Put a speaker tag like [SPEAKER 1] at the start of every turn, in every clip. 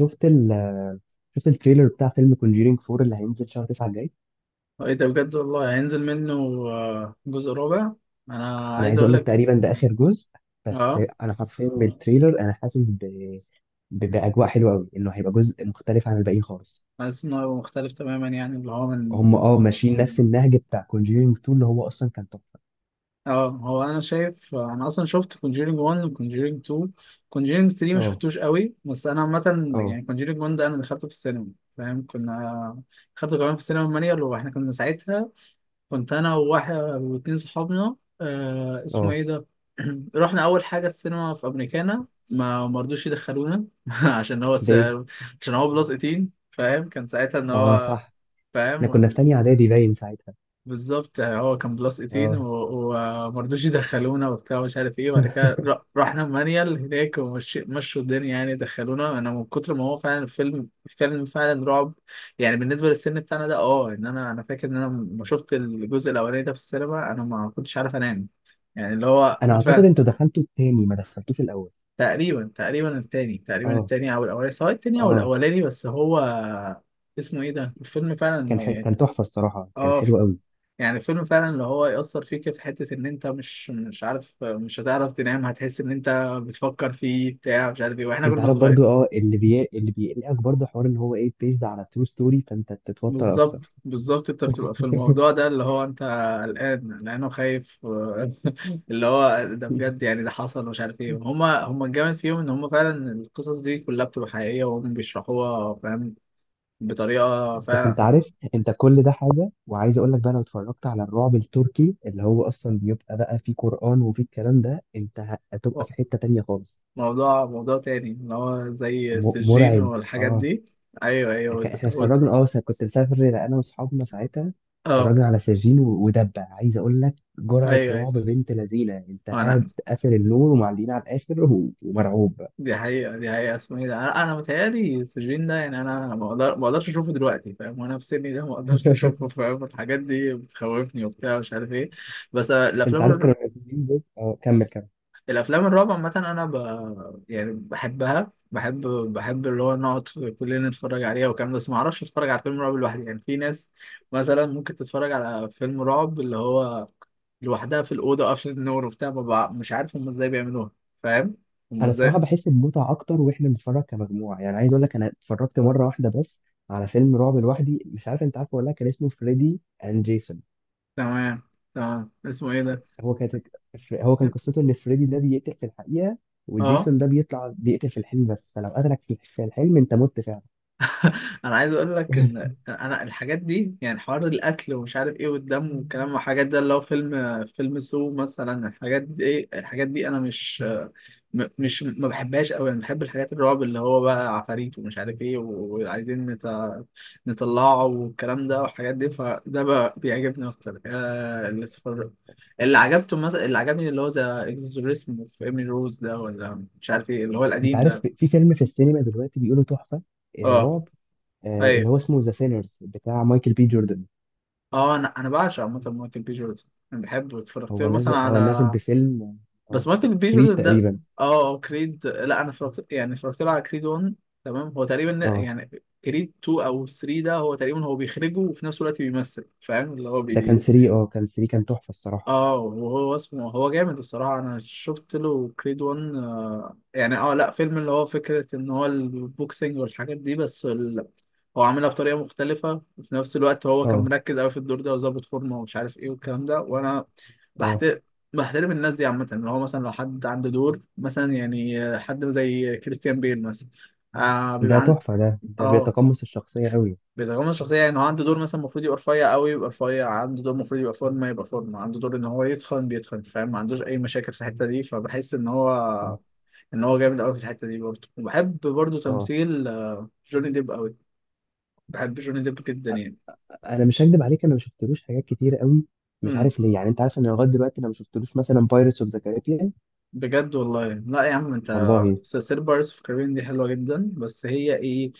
[SPEAKER 1] شفت ال شفت التريلر بتاع فيلم كونجيرينج 4 اللي هينزل شهر 9 الجاي.
[SPEAKER 2] ايه ده بجد والله هينزل منه جزء رابع. انا
[SPEAKER 1] انا
[SPEAKER 2] عايز
[SPEAKER 1] عايز
[SPEAKER 2] اقول
[SPEAKER 1] اقول لك
[SPEAKER 2] لك.
[SPEAKER 1] تقريبا ده اخر جزء. بس
[SPEAKER 2] اه
[SPEAKER 1] انا حرفيا من التريلر انا حاسس باجواء حلوه قوي انه هيبقى جزء مختلف عن الباقيين خالص.
[SPEAKER 2] حاسس انه هيبقى مختلف تماما، يعني اللي هو
[SPEAKER 1] هم
[SPEAKER 2] من.
[SPEAKER 1] ماشيين نفس النهج بتاع كونجيرينج 2 اللي هو اصلا كان تحفه.
[SPEAKER 2] اه هو انا شايف، انا اصلا شفت كونجيرينج 1 وكونجيرينج 2. كونجيرينج 3 ما
[SPEAKER 1] اه
[SPEAKER 2] شفتوش قوي، بس انا عامه.
[SPEAKER 1] اه
[SPEAKER 2] يعني كونجيرينج 1 ده انا دخلته في السينما، فاهم؟ كنا دخلته كمان في السينما مانيا، اللي هو احنا كنا ساعتها كنت انا وواحد واتنين صحابنا، آه اسمه
[SPEAKER 1] اه
[SPEAKER 2] ايه ده؟ رحنا اول حاجه السينما في امريكانا، ما مرضوش يدخلونا عشان هو
[SPEAKER 1] ليه؟
[SPEAKER 2] عشان هو بلس 18، فاهم؟ كان ساعتها ان
[SPEAKER 1] اه
[SPEAKER 2] هو،
[SPEAKER 1] صح. احنا
[SPEAKER 2] فاهم؟
[SPEAKER 1] كنا في تانية اعدادي باين ساعتها.
[SPEAKER 2] بالظبط، يعني هو كان بلس 18
[SPEAKER 1] اه.
[SPEAKER 2] ومرضوش يدخلونا وبتاع ومش عارف ايه، وبعد كده رحنا مانيال هناك، ومشوا الدنيا، يعني دخلونا. انا من كتر ما هو فعلا الفيلم فعلا رعب، يعني بالنسبه للسن بتاعنا ده. اه ان انا انا فاكر ان انا لما شفت الجزء الاولاني ده في السينما، انا ما كنتش عارف انام. يعني اللي هو
[SPEAKER 1] انا اعتقد
[SPEAKER 2] فعلا.
[SPEAKER 1] انتوا دخلتوا التاني ما دخلتوش الاول.
[SPEAKER 2] تقريبا التاني، تقريبا
[SPEAKER 1] اه
[SPEAKER 2] التاني او الاولاني، سواء التاني او
[SPEAKER 1] اه.
[SPEAKER 2] الاولاني، بس هو اسمه ايه ده؟ الفيلم فعلا يعني،
[SPEAKER 1] كان تحفه الصراحه، كان
[SPEAKER 2] اه
[SPEAKER 1] حلو قوي.
[SPEAKER 2] يعني فيلم فعلا اللي هو يأثر فيك في حتة، إن أنت مش عارف، مش هتعرف تنام، هتحس إن أنت بتفكر فيه، بتاع مش عارف إيه، وإحنا
[SPEAKER 1] انت
[SPEAKER 2] كنا
[SPEAKER 1] عارف برضو،
[SPEAKER 2] صغير.
[SPEAKER 1] اللي بيقلقك برضو حوار ان هو ايه بيزد على ترو ستوري، فانت تتوتر
[SPEAKER 2] بالظبط
[SPEAKER 1] اكتر.
[SPEAKER 2] بالظبط أنت بتبقى في الموضوع ده، اللي هو أنت قلقان وخايف اللي هو ده بجد، يعني ده حصل ومش عارف إيه. هما الجامد فيهم إن هما فعلا القصص دي كلها بتبقى حقيقية، وهم بيشرحوها، فاهم؟ بطريقة
[SPEAKER 1] بس انت
[SPEAKER 2] فعلا.
[SPEAKER 1] عارف انت كل ده حاجه، وعايز اقول لك بقى لو اتفرجت على الرعب التركي اللي هو اصلا بيبقى بقى فيه قرآن وفيه الكلام ده، انت هتبقى في حته تانية خالص.
[SPEAKER 2] موضوع تاني، اللي هو زي السجين
[SPEAKER 1] مرعب.
[SPEAKER 2] والحاجات
[SPEAKER 1] اه.
[SPEAKER 2] دي. أيوه أيوه،
[SPEAKER 1] احنا اتفرجنا، كنت مسافر انا واصحابنا ساعتها.
[SPEAKER 2] اه.
[SPEAKER 1] اتفرجنا على سجين ودبه، عايز اقول لك جرعه
[SPEAKER 2] ايوه ايوه،
[SPEAKER 1] رعب بنت لذينه. انت
[SPEAKER 2] انا
[SPEAKER 1] قاعد قافل النور ومعلقين على الاخر ومرعوب.
[SPEAKER 2] دي حقيقه، دي حقيقه. اسمه ايه ده؟ انا متهيألي السجين ده. يعني انا ما اقدرش اشوفه دلوقتي، فاهم؟ وانا في سني ده ما اقدرش اشوفه، فاهم؟ الحاجات دي بتخوفني وبتاع مش عارف ايه. بس
[SPEAKER 1] انت عارف كانوا منزلين جزء. اه كمل كمل.
[SPEAKER 2] الافلام الرعب عامه انا يعني بحبها، بحب اللي هو نقعد كلنا نتفرج عليها والكلام ده. بس ما اعرفش اتفرج على فيلم رعب لوحدي. يعني في ناس مثلا ممكن تتفرج على فيلم رعب اللي هو لوحدها في الاوضه قافله النور وبتاع، ما بع- مش عارف هم ازاي بيعملوها، فاهم؟ هم
[SPEAKER 1] انا صراحه
[SPEAKER 2] ازاي.
[SPEAKER 1] بحس بمتعه اكتر واحنا بنتفرج كمجموعه. يعني عايز اقول لك انا اتفرجت مره واحده بس على فيلم رعب لوحدي، مش عارف انت عارفه ولا لا، كان اسمه فريدي اند جيسون.
[SPEAKER 2] تمام، تمام. اسمه ايه ده؟
[SPEAKER 1] هو كانت هو كان
[SPEAKER 2] يب.
[SPEAKER 1] قصته ان فريدي ده بيقتل في الحقيقه،
[SPEAKER 2] اه.
[SPEAKER 1] وجيسون ده بيطلع بيقتل في الحلم، بس فلو قتلك في الحلم انت مت فعلا.
[SPEAKER 2] انا عايز اقول لك ان انا الحاجات دي، يعني حوار الاكل ومش عارف ايه، والدم والكلام والحاجات ده، اللي هو فيلم سو مثلا، الحاجات دي ايه الحاجات دي، انا مش، مش ما بحبهاش قوي. انا بحب الحاجات الرعب اللي هو بقى عفاريت ومش عارف ايه وعايزين نطلعه، والكلام ده والحاجات دي، فده بقى بيعجبني اكتر. آه، اللي اتفرج- اللي عجبته مثلا اللي عجبني اللي هو ذا اكزوريسم في ايمي روز ده، ولا مش عارف ايه، اللي هو
[SPEAKER 1] انت
[SPEAKER 2] القديم
[SPEAKER 1] عارف
[SPEAKER 2] ده.
[SPEAKER 1] في فيلم في السينما دلوقتي بيقولوا تحفه،
[SPEAKER 2] اه.
[SPEAKER 1] رعب، اللي
[SPEAKER 2] ايوه،
[SPEAKER 1] هو اسمه ذا سينرز بتاع مايكل بي جوردن.
[SPEAKER 2] انا بعشق عامه مايكل بي جوردن، انا بحبه. اتفرجت
[SPEAKER 1] هو
[SPEAKER 2] له مثلا
[SPEAKER 1] نازل، اه نازل
[SPEAKER 2] على،
[SPEAKER 1] بفيلم
[SPEAKER 2] بس
[SPEAKER 1] اه
[SPEAKER 2] مايكل بي
[SPEAKER 1] كريد
[SPEAKER 2] جوردن ده،
[SPEAKER 1] تقريبا.
[SPEAKER 2] اه كريد. لا انا اتفرجت، يعني اتفرجت له على كريد 1. تمام، هو تقريبا
[SPEAKER 1] اه
[SPEAKER 2] يعني كريد 2 او 3 ده، هو تقريبا هو بيخرجه وفي نفس الوقت بيمثل، فاهم؟ اللي هو
[SPEAKER 1] ده كان
[SPEAKER 2] بي.
[SPEAKER 1] 3. اه كان 3، كان تحفة الصراحة.
[SPEAKER 2] اه وهو اسمه هو جامد الصراحه. انا شفت له كريد 1، آه يعني، اه لا فيلم اللي هو فكره ان هو البوكسنج والحاجات دي، بس هو عاملها بطريقه مختلفه، وفي نفس الوقت هو كان
[SPEAKER 1] اه
[SPEAKER 2] مركز قوي في الدور ده، وظابط فورمه ومش عارف ايه والكلام ده. وانا
[SPEAKER 1] اه.
[SPEAKER 2] بحترم بحترم الناس دي عامه، اللي هو مثلا لو حد عنده دور مثلا، يعني حد زي كريستيان بيل مثلا، آه
[SPEAKER 1] ده
[SPEAKER 2] بيبقى عن،
[SPEAKER 1] تحفة، ده
[SPEAKER 2] اه
[SPEAKER 1] بيتقمص الشخصية قوي.
[SPEAKER 2] بيتغمض الشخصيه. يعني هو عنده دور مثلا المفروض يبقى رفيع قوي، يبقى رفيع. عنده دور المفروض يبقى فورمه، يبقى فورمه. عنده دور ان هو يتخن، بيتخن، فاهم؟ ما عندوش اي مشاكل في الحته دي. فبحس ان
[SPEAKER 1] اه
[SPEAKER 2] هو ان هو جامد قوي في الحته دي برضه. وبحب برضه
[SPEAKER 1] اه.
[SPEAKER 2] تمثيل جوني ديب قوي. بحب جوني ديب جدا يعني.
[SPEAKER 1] انا مش هكدب عليك، انا ما شفتلوش حاجات كتير قوي. مش عارف ليه. يعني انت عارف ان لغاية دلوقتي انا ما شفتلوش مثلا بايرتس اوف ذا كاريبيان.
[SPEAKER 2] بجد والله لا يا عم انت.
[SPEAKER 1] والله.
[SPEAKER 2] سير بارس في كارين دي حلوه جدا، بس هي ايه،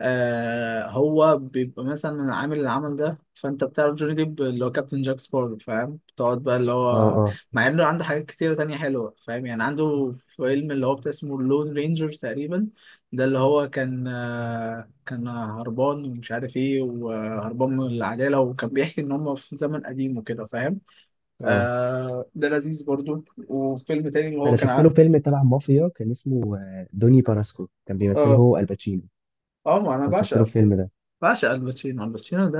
[SPEAKER 2] هو بيبقى مثلا عامل العمل ده، فانت بتعرف جوني ديب اللي هو كابتن جاك سبارو، فاهم؟ بتقعد بقى اللي
[SPEAKER 1] اه
[SPEAKER 2] هو،
[SPEAKER 1] اه
[SPEAKER 2] مع انه عنده حاجات كتير تانية حلوه، فاهم؟ يعني عنده فيلم اللي هو بتاع اسمه لون رينجر تقريبا، ده اللي هو كان كان هربان ومش عارف ايه، وهربان من العداله، وكان بيحكي ان هم في زمن قديم وكده، فاهم؟
[SPEAKER 1] اه.
[SPEAKER 2] آه ده لذيذ برضو. وفيلم تاني اللي هو
[SPEAKER 1] انا
[SPEAKER 2] كان
[SPEAKER 1] شفت له فيلم تبع مافيا كان اسمه دوني باراسكو، كان بيمثله
[SPEAKER 2] اه
[SPEAKER 1] هو الباتشينو.
[SPEAKER 2] اه، ما انا
[SPEAKER 1] كنت شفت له
[SPEAKER 2] بعشق،
[SPEAKER 1] الفيلم ده.
[SPEAKER 2] الباتشينو، الباتشينو ده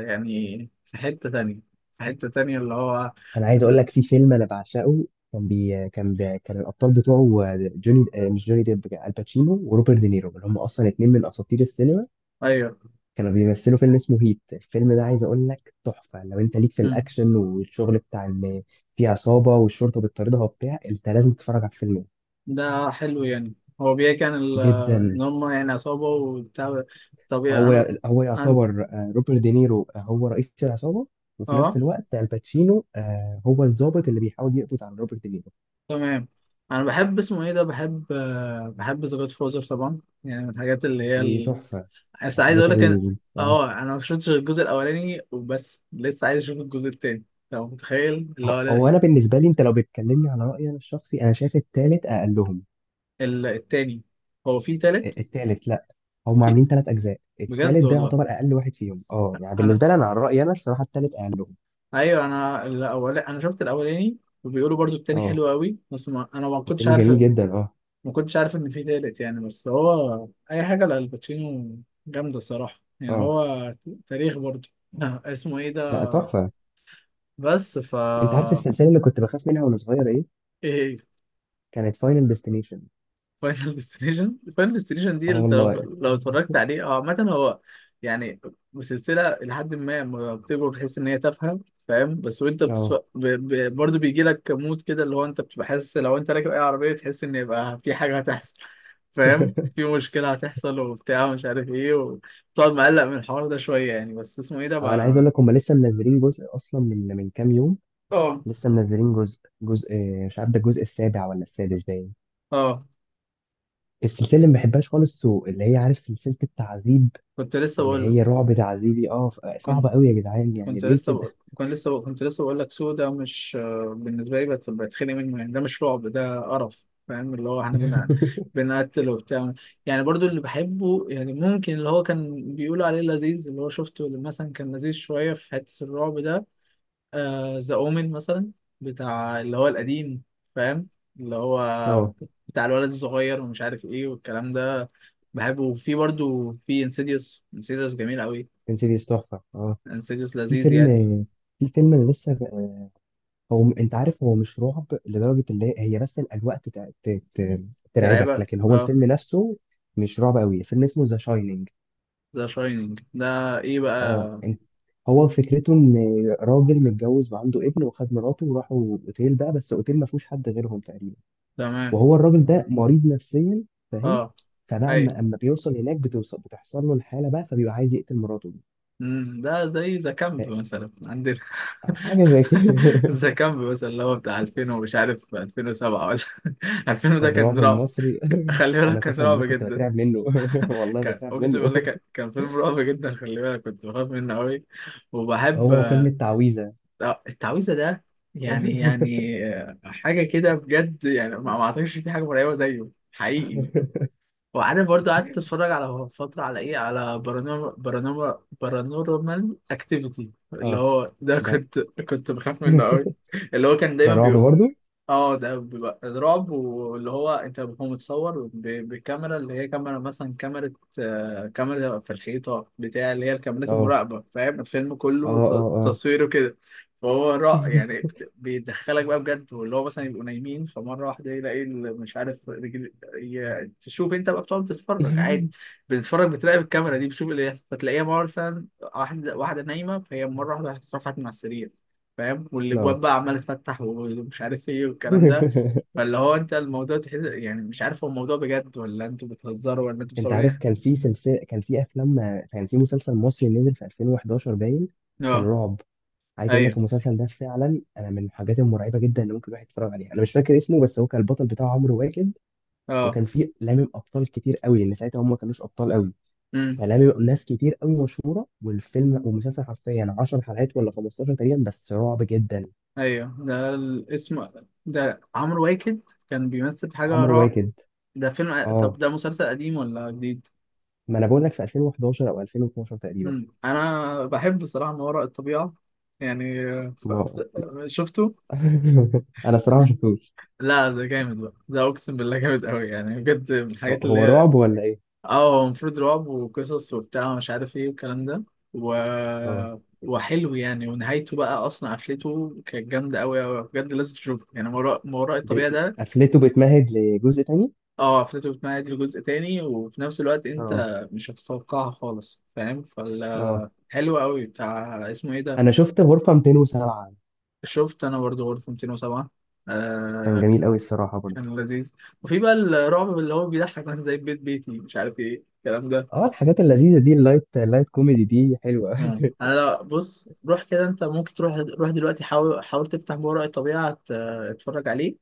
[SPEAKER 2] يعني في حتة تانية، في حتة تانية اللي هو
[SPEAKER 1] انا عايز اقول
[SPEAKER 2] ز-
[SPEAKER 1] لك في فيلم انا بعشقه. كان الابطال بتوعه جوني، مش جوني ديب، الباتشينو وروبرت دينيرو، اللي هم اصلا اتنين من اساطير السينما.
[SPEAKER 2] ايوه.
[SPEAKER 1] كانوا بيمثلوا فيلم اسمه هيت. الفيلم ده عايز اقول لك تحفه، لو انت ليك في
[SPEAKER 2] مم.
[SPEAKER 1] الاكشن والشغل بتاع ان في عصابه والشرطه بتطاردها وبتاع، انت لازم تتفرج على الفيلم ده.
[SPEAKER 2] ده حلو يعني. هو بيحكي عن ان
[SPEAKER 1] جدا.
[SPEAKER 2] هم يعني عصابة وبتاع. طبيعي انا،
[SPEAKER 1] هو
[SPEAKER 2] انا.
[SPEAKER 1] يعتبر، روبرت دينيرو هو رئيس العصابه، وفي نفس
[SPEAKER 2] اه
[SPEAKER 1] الوقت الباتشينو هو الضابط اللي بيحاول يقبض على روبرت دينيرو.
[SPEAKER 2] تمام. انا بحب اسمه ايه ده، بحب، ذا جاد فوزر طبعا، يعني من الحاجات اللي
[SPEAKER 1] دي
[SPEAKER 2] هي.
[SPEAKER 1] تحفه.
[SPEAKER 2] بس عايز اقول
[SPEAKER 1] حاجات
[SPEAKER 2] لك ان،
[SPEAKER 1] ال... آه،
[SPEAKER 2] اه انا ما شفتش غير الجزء الاولاني وبس، لسه عايز اشوف الجزء التاني. لو متخيل اللي هو
[SPEAKER 1] هو هو انا بالنسبه لي، انت لو بتكلمني على رايي انا الشخصي، انا شايف التالت اقلهم.
[SPEAKER 2] التاني. هو في تالت؟
[SPEAKER 1] التالت، لا هم
[SPEAKER 2] في.
[SPEAKER 1] عاملين ثلاث اجزاء.
[SPEAKER 2] بجد
[SPEAKER 1] التالت ده
[SPEAKER 2] والله.
[SPEAKER 1] يعتبر اقل واحد فيهم. اه يعني
[SPEAKER 2] انا،
[SPEAKER 1] بالنسبه لي انا، على رايي انا الصراحه، التالت اقلهم.
[SPEAKER 2] ايوه انا الاول انا شفت الاولاني، وبيقولوا برضو التاني
[SPEAKER 1] اه.
[SPEAKER 2] حلو قوي، بس ما... انا
[SPEAKER 1] التاني جميل جدا. اه.
[SPEAKER 2] ما كنتش عارف ان في تالت، يعني. بس هو اي حاجه لالباتشينو جامده الصراحه، يعني
[SPEAKER 1] اه
[SPEAKER 2] هو تاريخ برضو. اسمه ايه ده؟
[SPEAKER 1] لا تحفه.
[SPEAKER 2] بس ف،
[SPEAKER 1] انت عارف السلسله اللي كنت بخاف منها وانا صغير ايه؟
[SPEAKER 2] إيه،
[SPEAKER 1] كانت فاينل ديستنيشن.
[SPEAKER 2] فاينل ديستنيشن. فاينل ديستنيشن دي
[SPEAKER 1] اه
[SPEAKER 2] انت لو،
[SPEAKER 1] والله.
[SPEAKER 2] لو اتفرجت عليه، او عامة هو يعني سلسلة، لحد ما لما بتكبر بتحس ان هي تافهة، فاهم؟ بس وانت
[SPEAKER 1] اه
[SPEAKER 2] برضه بيجي لك مود كده اللي هو انت بتبقى حاسس لو انت راكب اي عربية تحس ان يبقى في حاجة هتحصل، فاهم؟ في مشكلة هتحصل وبتاع مش عارف ايه، وتقعد مقلق من الحوار ده شوية يعني. بس اسمه ايه ده
[SPEAKER 1] انا عايز
[SPEAKER 2] بقى؟
[SPEAKER 1] اقول لك هم لسه منزلين جزء اصلا من كام يوم.
[SPEAKER 2] اه
[SPEAKER 1] لسه منزلين جزء. جزء، مش عارف ده الجزء السابع ولا السادس باين.
[SPEAKER 2] اه،
[SPEAKER 1] السلسله اللي ما بحبهاش خالص سو، اللي هي عارف سلسله التعذيب،
[SPEAKER 2] كنت لسه
[SPEAKER 1] اللي
[SPEAKER 2] بقول
[SPEAKER 1] هي رعب تعذيبي.
[SPEAKER 2] لك،
[SPEAKER 1] صعبه قوي يا جدعان، يعني ليه كده؟
[SPEAKER 2] كنت لسه بقول لك سودا، مش بالنسبه لي بتخنق منه، يعني ده مش رعب ده قرف، فاهم؟ اللي هو احنا بنقتل وبتاع. يعني برضو اللي بحبه، يعني ممكن اللي هو كان بيقولوا عليه لذيذ، اللي هو شفته اللي مثلا كان لذيذ شويه في حته الرعب ده، ذا اومن مثلا، بتاع اللي هو القديم، فاهم؟ اللي هو
[SPEAKER 1] اه.
[SPEAKER 2] بتاع الولد الصغير ومش عارف ايه والكلام ده، بحبه. وفي برضو في انسيديوس، انسيديوس جميل قوي.
[SPEAKER 1] انسيديوس تحفه، اه.
[SPEAKER 2] انسيديوس
[SPEAKER 1] في
[SPEAKER 2] لذيذ
[SPEAKER 1] فيلم،
[SPEAKER 2] يعني.
[SPEAKER 1] في فيلم أنا لسه. هو انت عارف هو مش رعب لدرجه اللي هي هي بس الاجواء ترعبك،
[SPEAKER 2] تلعبك
[SPEAKER 1] لكن هو
[SPEAKER 2] اه.
[SPEAKER 1] الفيلم نفسه مش رعب قوي. فيلم اسمه ذا شاينينج.
[SPEAKER 2] ذا شاينينج ده ايه بقى؟
[SPEAKER 1] اه. انت، هو فكرته ان راجل متجوز وعنده ابن، وخد مراته وراحوا اوتيل بقى، بس اوتيل ما فيهوش حد غيرهم تقريبا،
[SPEAKER 2] تمام.
[SPEAKER 1] وهو الراجل ده مريض نفسيا، فاهم؟
[SPEAKER 2] اه
[SPEAKER 1] فبقى
[SPEAKER 2] اي.
[SPEAKER 1] أما بيوصل هناك بتوصل بتحصل له الحاله بقى، فبيبقى عايز يقتل مراته دي.
[SPEAKER 2] مم، ده زي ذا كامب
[SPEAKER 1] ف-
[SPEAKER 2] مثلا عندنا.
[SPEAKER 1] حاجه زي كده.
[SPEAKER 2] ذا كامب مثلا اللي هو بتاع 2000 ومش عارف 2007 ولا، 2000 ده كان
[SPEAKER 1] الرعب
[SPEAKER 2] رعب،
[SPEAKER 1] المصري.
[SPEAKER 2] خلي بالك
[SPEAKER 1] انا
[SPEAKER 2] كان
[SPEAKER 1] قسما
[SPEAKER 2] رعب
[SPEAKER 1] بالله كنت
[SPEAKER 2] جدا.
[SPEAKER 1] بترعب منه، والله
[SPEAKER 2] كان،
[SPEAKER 1] بترعب
[SPEAKER 2] اقسم
[SPEAKER 1] منه.
[SPEAKER 2] بالله كان، فيلم رعب جدا، خلي بالك كنت بخاف منه قوي. وبحب،
[SPEAKER 1] هو وفيلم التعويذه.
[SPEAKER 2] التعويذه ده. يعني يعني حاجه كده بجد. يعني ما اعتقدش في حاجه مرعبه زيه حقيقي. وعارف برضه قعدت اتفرج على فترة على ايه، على بارانورمال، بارانورمال اكتيفيتي، اللي
[SPEAKER 1] اه
[SPEAKER 2] هو ده
[SPEAKER 1] ده
[SPEAKER 2] كنت، بخاف منه قوي. اللي هو كان
[SPEAKER 1] ده
[SPEAKER 2] دايما
[SPEAKER 1] رعب برضه.
[SPEAKER 2] اه ده بيبقى رعب، واللي هو انت هو متصور بكاميرا اللي هي كاميرا، مثلا كاميرا كاميرا في الحيطة بتاع، اللي هي الكاميرات
[SPEAKER 1] اه
[SPEAKER 2] المراقبة، فاهم؟ الفيلم
[SPEAKER 1] اه
[SPEAKER 2] كله
[SPEAKER 1] اه اه
[SPEAKER 2] تصويره كده. فهو رع يعني بيدخلك بقى بجد. واللي هو مثلا يبقوا نايمين، فمرة واحدة يلاقي مش عارف رجل تشوف انت بقى بتقعد بتتفرج عادي، بتتفرج بتراقب الكاميرا دي، بتشوف فتلاقيها مثلا واحدة نايمة، فهي مرة واحدة رفعت من على السرير، فاهم؟ والابواب
[SPEAKER 1] اه.
[SPEAKER 2] بقى عماله تفتح ومش عارف ايه والكلام ده. فاللي هو انت الموضوع تحس، يعني مش عارف هو الموضوع بجد، ولا انتوا بتهزروا، ولا انتوا
[SPEAKER 1] انت
[SPEAKER 2] مصورين.
[SPEAKER 1] عارف كان في سلسله، كان في افلام، كان في مسلسل مصري نزل في 2011 باين. كان
[SPEAKER 2] اه،
[SPEAKER 1] رعب. عايز اقول لك
[SPEAKER 2] ايوه،
[SPEAKER 1] المسلسل ده فعلا انا من الحاجات المرعبه جدا اللي ممكن الواحد يتفرج عليها. انا مش فاكر اسمه، بس هو كان البطل بتاعه عمرو واكد،
[SPEAKER 2] اه.
[SPEAKER 1] وكان فيه لامم ابطال كتير قوي، لان ساعتها هم ما كانوش ابطال قوي.
[SPEAKER 2] امم.
[SPEAKER 1] فلامم ناس كتير قوي مشهوره. والفيلم والمسلسل حرفيا 10 حلقات ولا 15 تقريبا، بس رعب جدا.
[SPEAKER 2] ايوه ده الاسم، ده عمرو واكد كان بيمثل في حاجه
[SPEAKER 1] عمرو
[SPEAKER 2] رعب
[SPEAKER 1] واكد.
[SPEAKER 2] ده فيلم. طب
[SPEAKER 1] اه
[SPEAKER 2] ده مسلسل قديم ولا جديد؟
[SPEAKER 1] ما انا بقول لك في 2011 او 2012 تقريبا.
[SPEAKER 2] امم. انا بحب بصراحه ما وراء الطبيعه، يعني
[SPEAKER 1] ما
[SPEAKER 2] شفته.
[SPEAKER 1] انا صراحه ما شفتوش.
[SPEAKER 2] لا ده جامد بقى ده، اقسم بالله جامد قوي، يعني بجد من
[SPEAKER 1] هو
[SPEAKER 2] الحاجات اللي
[SPEAKER 1] هو
[SPEAKER 2] هي.
[SPEAKER 1] رعب ولا ايه؟
[SPEAKER 2] اه هو المفروض رعب وقصص وبتاع ومش عارف ايه والكلام ده و...
[SPEAKER 1] اه.
[SPEAKER 2] وحلو يعني. ونهايته بقى اصلا، قفلته كانت جامده قوي قوي بجد، لازم تشوفه. يعني ما وراء
[SPEAKER 1] ب...
[SPEAKER 2] الطبيعه ده.
[SPEAKER 1] قفلته بتمهد لجزء تاني.
[SPEAKER 2] اه قفلته بتمهد لجزء تاني، وفي نفس الوقت انت
[SPEAKER 1] اه
[SPEAKER 2] مش هتتوقعها خالص، فاهم؟
[SPEAKER 1] اه.
[SPEAKER 2] فال حلو قوي بتاع اسمه ايه ده.
[SPEAKER 1] انا شفت غرفه 207.
[SPEAKER 2] شفت انا برضه غرفه 207.
[SPEAKER 1] كان
[SPEAKER 2] آه
[SPEAKER 1] جميل قوي الصراحه برضه.
[SPEAKER 2] كان لذيذ. وفي بقى الرعب اللي هو بيضحك، مثلا زي بيت بيتي مش عارف ايه الكلام ده.
[SPEAKER 1] اه الحاجات اللذيذه دي، اللايت، اللايت كوميدي دي حلوه
[SPEAKER 2] مم.
[SPEAKER 1] أوي.
[SPEAKER 2] انا لو بص، روح كده انت ممكن تروح، روح دلوقتي، حاول تفتح ما وراء الطبيعه اتفرج عليه.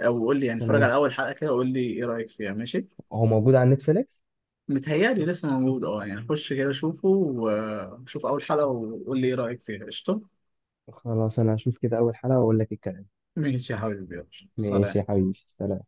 [SPEAKER 2] او قول لي، يعني اتفرج على
[SPEAKER 1] تمام.
[SPEAKER 2] اول حلقه كده، وقول لي ايه رايك فيها، ماشي؟
[SPEAKER 1] هو موجود على نتفليكس.
[SPEAKER 2] متهيألي لسه موجود، اه يعني خش كده شوفه، وشوف اول حلقه وقول لي ايه رايك فيها، قشطه.
[SPEAKER 1] خلاص انا هشوف كده اول حلقه واقول لك الكلام.
[SPEAKER 2] ماشي يا حبيبي، يلا.
[SPEAKER 1] ماشي يا
[SPEAKER 2] سلام.
[SPEAKER 1] حبيبي، سلام.